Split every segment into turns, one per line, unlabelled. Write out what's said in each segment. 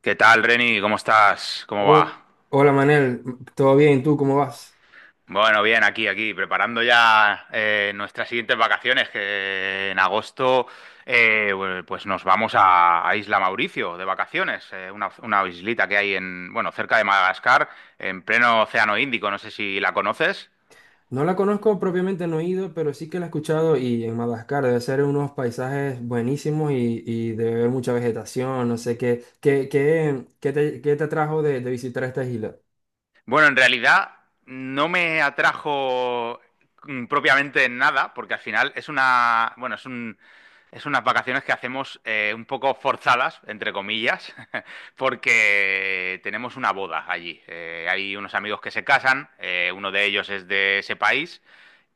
¿Qué tal, Reni? ¿Cómo estás? ¿Cómo
Oh,
va?
hola Manel, ¿todo bien? ¿Tú cómo vas?
Bueno, bien, aquí, preparando ya nuestras siguientes vacaciones, que en agosto bueno, pues nos vamos a Isla Mauricio de vacaciones, una islita que hay en, bueno, cerca de Madagascar, en pleno Océano Índico, no sé si la conoces.
No la conozco propiamente, no he ido, pero sí que la he escuchado y en Madagascar debe ser unos paisajes buenísimos y debe haber mucha vegetación, no sé qué, qué te atrajo de visitar esta isla.
Bueno, en realidad no me atrajo propiamente en nada, porque al final es unas vacaciones que hacemos un poco forzadas, entre comillas, porque tenemos una boda allí. Hay unos amigos que se casan, uno de ellos es de ese país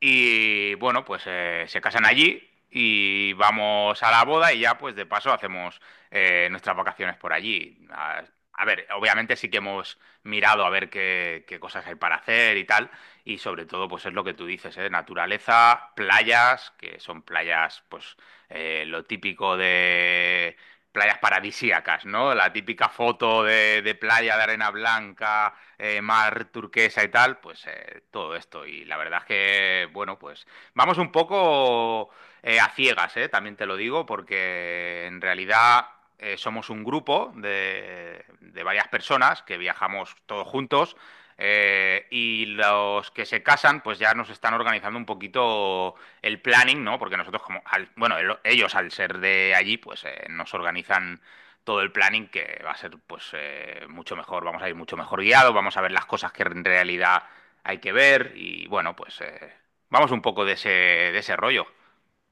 y bueno, pues se casan allí y vamos a la boda y ya pues de paso hacemos nuestras vacaciones por allí. A a ver, obviamente sí que hemos mirado a ver qué cosas hay para hacer y tal. Y sobre todo pues es lo que tú dices, ¿eh? Naturaleza, playas, que son playas pues lo típico de playas paradisíacas, ¿no? La típica foto de playa de arena blanca, mar turquesa y tal, pues todo esto. Y la verdad es que, bueno, pues vamos un poco a ciegas, también te lo digo, porque en realidad somos un grupo de varias personas que viajamos todos juntos. Y los que se casan, pues ya nos están organizando un poquito el planning, ¿no? Porque nosotros como, ellos al ser de allí, pues nos organizan todo el planning que va a ser pues mucho mejor, vamos a ir mucho mejor guiado, vamos a ver las cosas que en realidad hay que ver y bueno, pues vamos un poco de de ese rollo.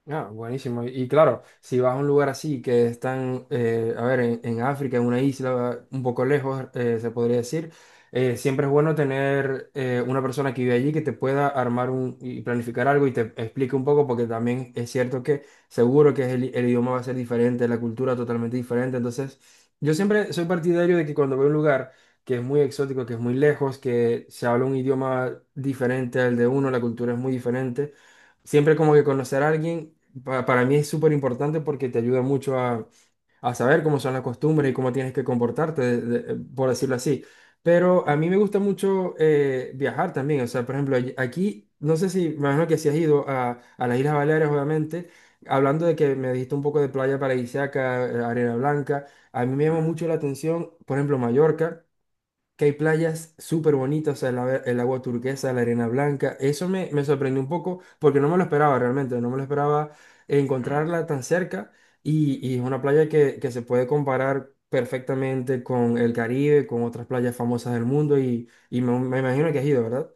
Ah, buenísimo. Y claro, si vas a un lugar así que están, a ver, en África, en una isla un poco lejos, se podría decir, siempre es bueno tener una persona que vive allí que te pueda armar un, y planificar algo y te explique un poco, porque también es cierto que seguro que es el idioma va a ser diferente, la cultura totalmente diferente. Entonces, yo siempre soy partidario de que cuando voy a un lugar que es muy exótico, que es muy lejos, que se habla un idioma diferente al de uno, la cultura es muy diferente. Siempre como que conocer a alguien para mí es súper importante porque te ayuda mucho a saber cómo son las costumbres y cómo tienes que comportarte, por decirlo así. Pero a
Mm,
mí me gusta mucho viajar también. O sea, por ejemplo, aquí, no sé si, me imagino que si has ido a las Islas Baleares, obviamente, hablando de que me dijiste un poco de playa paradisíaca, arena blanca, a mí me llama
mm,
mucho la atención, por ejemplo, Mallorca, que hay playas súper bonitas, o sea, el agua turquesa, la arena blanca. Eso me, me sorprendió un poco porque no me lo esperaba realmente, no me lo esperaba
mm.
encontrarla tan cerca y es una playa que se puede comparar perfectamente con el Caribe, con otras playas famosas del mundo y me imagino que has ido, ¿verdad?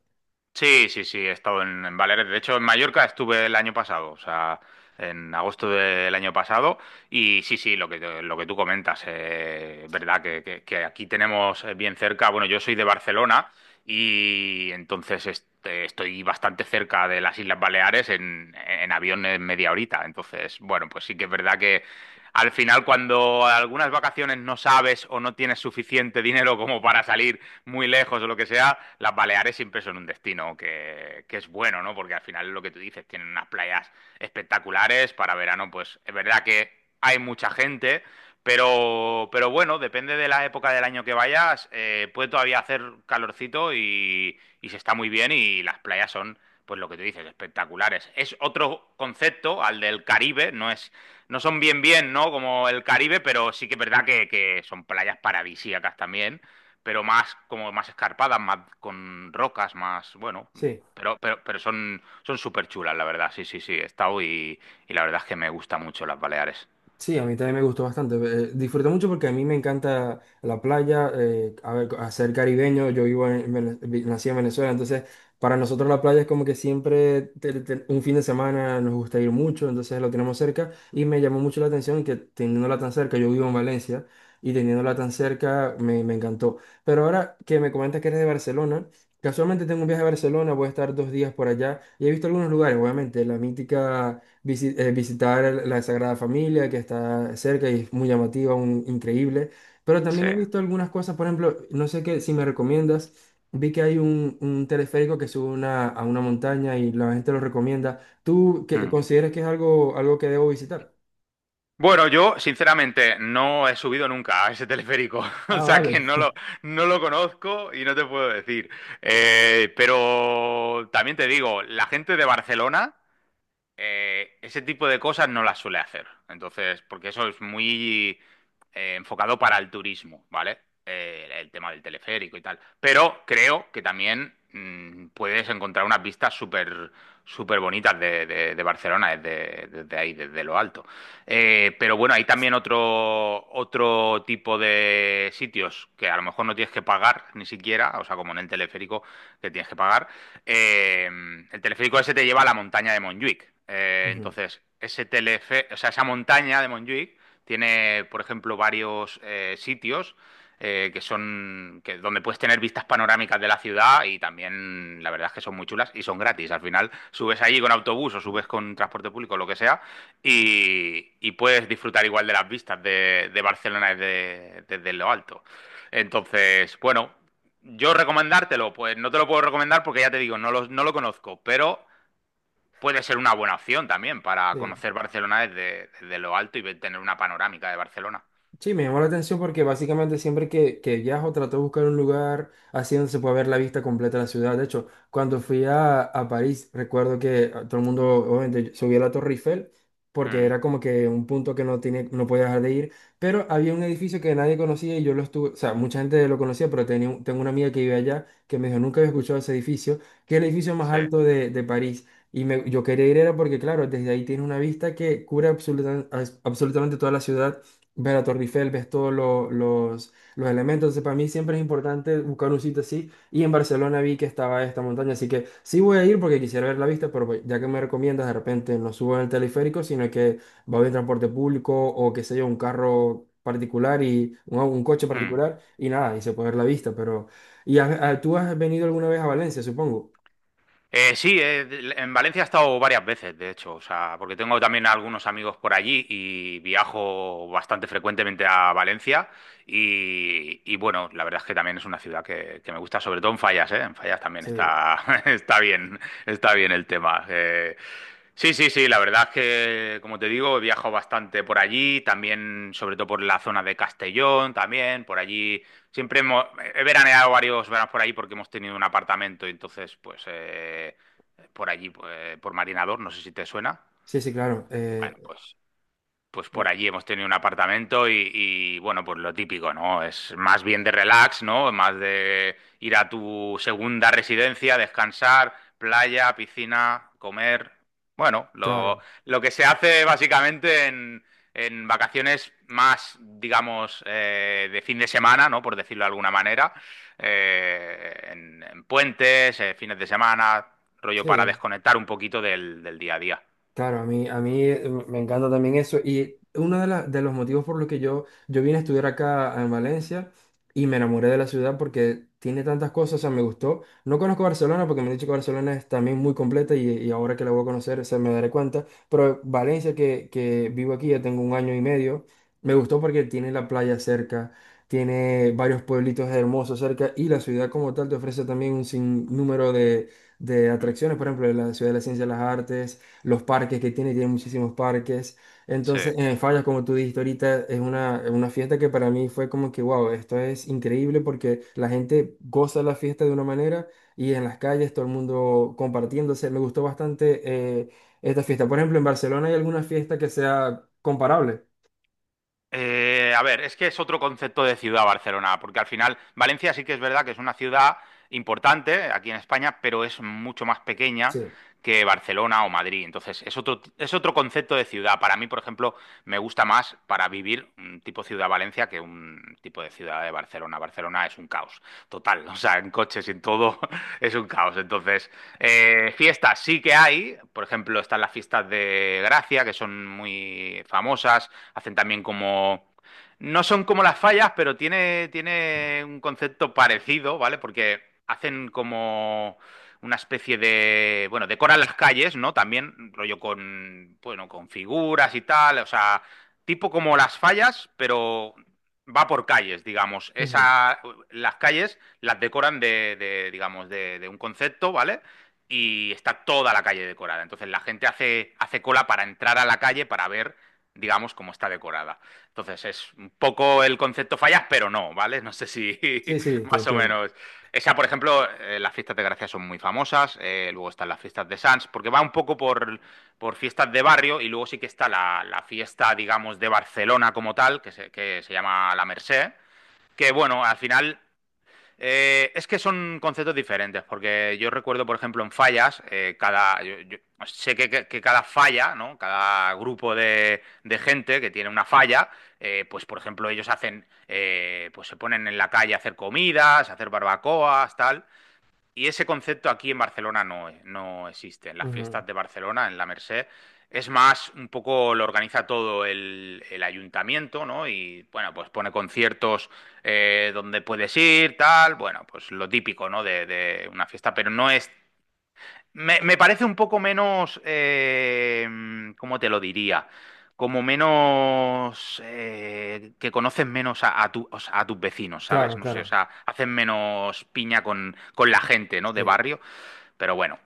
Sí, sí, sí, he estado en Baleares. De hecho, en Mallorca estuve el año pasado, o sea, en agosto del año pasado. Y sí, sí, lo lo que tú comentas, verdad que, que aquí tenemos bien cerca. Bueno, yo soy de Barcelona y entonces estoy bastante cerca de las Islas Baleares en avión en media horita. Entonces, bueno, pues sí que es verdad que al final, cuando algunas vacaciones no sabes o no tienes suficiente dinero como para salir muy lejos o lo que sea, las Baleares siempre son un destino que es bueno, ¿no? Porque al final es lo que tú dices, tienen unas playas espectaculares para verano, pues es verdad que hay mucha gente, pero bueno, depende de la época del año que vayas, puede todavía hacer calorcito y se está muy bien y las playas son, pues lo que tú dices, espectaculares. Es otro concepto al del Caribe, no son bien bien, ¿no? Como el Caribe, pero sí que es verdad que son playas paradisíacas también, pero más, como más escarpadas, más con rocas, más, bueno,
Sí.
pero son, son súper chulas, la verdad. Sí, sí, sí, he estado y la verdad es que me gustan mucho las Baleares.
Sí, a mí también me gustó bastante. Disfruté mucho porque a mí me encanta la playa, a ver, hacer caribeño. Yo vivo en, nací en Venezuela, entonces para nosotros la playa es como que siempre un fin de semana nos gusta ir mucho, entonces lo tenemos cerca y me llamó mucho la atención que teniéndola tan cerca, yo vivo en Valencia y teniéndola tan cerca me, me encantó. Pero ahora que me comentas que eres de Barcelona, casualmente tengo un viaje a Barcelona, voy a estar dos días por allá y he visto algunos lugares, obviamente, la mítica visitar la Sagrada Familia, que está cerca y es muy llamativa, un, increíble. Pero
Sí.
también he visto algunas cosas, por ejemplo, no sé qué, si me recomiendas, vi que hay un teleférico que sube a una montaña y la gente lo recomienda. ¿Tú
Mm.
consideras que es algo, algo que debo visitar?
Bueno, yo sinceramente no he subido nunca a ese teleférico, o
Ah,
sea que
vale.
no lo conozco y no te puedo decir. Pero también te digo, la gente de Barcelona ese tipo de cosas no las suele hacer. Entonces, porque eso es muy enfocado para el turismo, ¿vale? El tema del teleférico y tal. Pero creo que también puedes encontrar unas vistas súper súper bonitas de, de Barcelona desde, desde ahí, desde lo alto. Pero bueno, hay también otro, otro tipo de sitios que a lo mejor no tienes que pagar ni siquiera, o sea, como en el teleférico que tienes que pagar, eh, el teleférico ese te lleva a la montaña de Montjuic.
Ujú.
Entonces, ese telefe o sea, esa montaña de Montjuic tiene, por ejemplo, varios sitios que donde puedes tener vistas panorámicas de la ciudad y también la verdad es que son muy chulas y son gratis. Al final subes allí con autobús o subes con transporte público, lo que sea, y puedes disfrutar igual de las vistas de Barcelona desde, desde lo alto. Entonces, bueno, yo recomendártelo, pues no te lo puedo recomendar porque ya te digo, no lo conozco, pero puede ser una buena opción también para
Sí.
conocer Barcelona desde, desde lo alto y tener una panorámica de Barcelona.
Sí, me llamó la atención porque básicamente siempre que viajo trato de buscar un lugar así donde se pueda ver la vista completa de la ciudad. De hecho, cuando fui a París, recuerdo que ah, todo el mundo obviamente subió a la Torre Eiffel porque
Mm,
era como que un punto que no tiene, no podía dejar de ir. Pero había un edificio que nadie conocía y yo lo estuve, o sea, mucha gente lo conocía, pero tenía, tengo una amiga que vive allá que me dijo, nunca había escuchado ese edificio, que es el edificio más
sí.
alto de París. Yo quería ir era porque, claro, desde ahí tiene una vista que cubre absolutamente toda la ciudad, ver la Torre Eiffel, ves los elementos. Entonces, para mí siempre es importante buscar un sitio así. Y en Barcelona vi que estaba esta montaña, así que sí voy a ir porque quisiera ver la vista, pero ya que me recomiendas, de repente no subo en el teleférico, sino que voy en transporte público o qué sé yo, un carro particular y un coche
Mm.
particular y nada, y se puede ver la vista, pero... ¿Y tú has venido alguna vez a Valencia, supongo?
Sí, en Valencia he estado varias veces, de hecho, o sea, porque tengo también algunos amigos por allí y viajo bastante frecuentemente a Valencia y, bueno, la verdad es que también es una ciudad que me gusta, sobre todo en Fallas, ¿eh? En Fallas también
Sí,
está, está bien, está bien el tema. Sí, sí, sí, la verdad es que, como te digo, he viajado bastante por allí, también, sobre todo por la zona de Castellón, también, por allí. Siempre hemos, he veraneado varios veranos por ahí porque hemos tenido un apartamento, y entonces, pues, por allí, pues, por Marinador, no sé si te suena.
sí, sí, claro.
Bueno,
Eh,
pues por
eh,
allí hemos tenido un apartamento y, bueno, pues lo típico, ¿no? Es más bien de relax, ¿no? Más de ir a tu segunda residencia, descansar, playa, piscina, comer. Bueno,
claro,
lo que se hace básicamente en vacaciones más, digamos, de fin de semana, ¿no? Por decirlo de alguna manera. En puentes, fines de semana, rollo para
sí.
desconectar un poquito del, del día a día.
Claro, a mí, a mí me encanta también eso. Y uno de, de los motivos por los que yo vine a estudiar acá en Valencia y me enamoré de la ciudad porque tiene tantas cosas, o sea, me gustó. No conozco Barcelona porque me han dicho que Barcelona es también muy completa y ahora que la voy a conocer se me daré cuenta. Pero Valencia, que vivo aquí, ya tengo un año y medio, me gustó porque tiene la playa cerca, tiene varios pueblitos hermosos cerca y la ciudad como tal te ofrece también un sinnúmero de
Mm,
atracciones. Por ejemplo, la ciudad de la ciencia y las artes, los parques que tiene, tiene muchísimos parques.
sí.
Entonces, en Fallas, como tú dijiste ahorita, es una fiesta que para mí fue como que, wow, esto es increíble porque la gente goza la fiesta de una manera y en las calles todo el mundo compartiéndose. Me gustó bastante eh, esta fiesta. Por ejemplo, en Barcelona hay alguna fiesta que sea comparable.
A ver, es que es otro concepto de ciudad Barcelona, porque al final Valencia sí que es verdad que es una ciudad importante aquí en España, pero es mucho más pequeña
Sí.
que Barcelona o Madrid. Entonces, es otro concepto de ciudad. Para mí, por ejemplo, me gusta más para vivir un tipo ciudad Valencia que un tipo de ciudad de Barcelona. Barcelona es un caos total, o sea, en coches y en todo es un caos. Entonces, fiestas sí que hay, por ejemplo, están las fiestas de Gracia, que son muy famosas, hacen también como... No son como las fallas, pero tiene, tiene un concepto parecido, ¿vale? Porque hacen como una especie de... Bueno, decoran las calles, ¿no? También rollo con, bueno, con figuras y tal, o sea, tipo como las fallas, pero va por calles, digamos.
Ujú.
Esa, las calles las decoran de, digamos, de un concepto, ¿vale? Y está toda la calle decorada. Entonces la gente hace, hace cola para entrar a la calle para ver, digamos, cómo está decorada. Entonces es un poco el concepto fallas, pero no, ¿vale? No sé si
Sí, sí, te
más o
entiendo.
menos. Esa, por ejemplo, las fiestas de Gracia son muy famosas, luego están las fiestas de Sants, porque va un poco por fiestas de barrio y luego sí que está la, la fiesta, digamos, de Barcelona como tal, que se llama La Merced, que bueno, al final es que son conceptos diferentes, porque yo recuerdo, por ejemplo, en fallas, yo sé que, que cada falla, ¿no? Cada grupo de gente que tiene una falla, pues, por ejemplo, ellos hacen, pues se ponen en la calle a hacer comidas, a hacer barbacoas, tal. Y ese concepto aquí en Barcelona no, no existe. En las
Ujú.
fiestas de Barcelona, en la Merced, es más, un poco lo organiza todo el ayuntamiento, ¿no? Y bueno, pues pone conciertos donde puedes ir, tal, bueno, pues lo típico, ¿no? De una fiesta, pero no es, me parece un poco menos, ¿cómo te lo diría? Como menos, que conoces menos a o sea, a tus vecinos, ¿sabes?
Claro,
No sé, o
claro.
sea, hacen menos piña con la gente, ¿no? De
Sí.
barrio, pero bueno,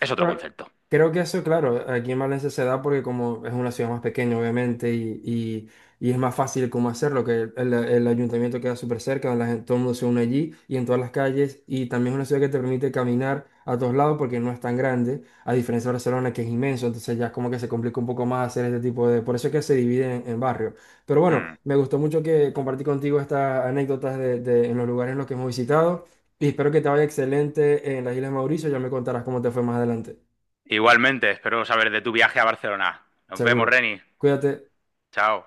es otro
Bueno,
concepto.
creo que eso, claro, aquí en Valencia se da porque como es una ciudad más pequeña, obviamente, y es más fácil cómo hacerlo, que el ayuntamiento queda súper cerca, la gente- todo el mundo se une allí y en todas las calles, y también es una ciudad que te permite caminar a todos lados porque no es tan grande, a diferencia de Barcelona, que es inmenso, entonces ya es como que se complica un poco más hacer este tipo de... Por eso es que se divide en barrios. Pero bueno,
Mm.
me gustó mucho que compartí contigo estas anécdotas de, en los lugares en los que hemos visitado. Y espero que te vaya excelente en las Islas Mauricio. Ya me contarás cómo te fue más adelante.
Igualmente, espero saber de tu viaje a Barcelona. Nos vemos,
Seguro.
Reni.
Cuídate.
Chao.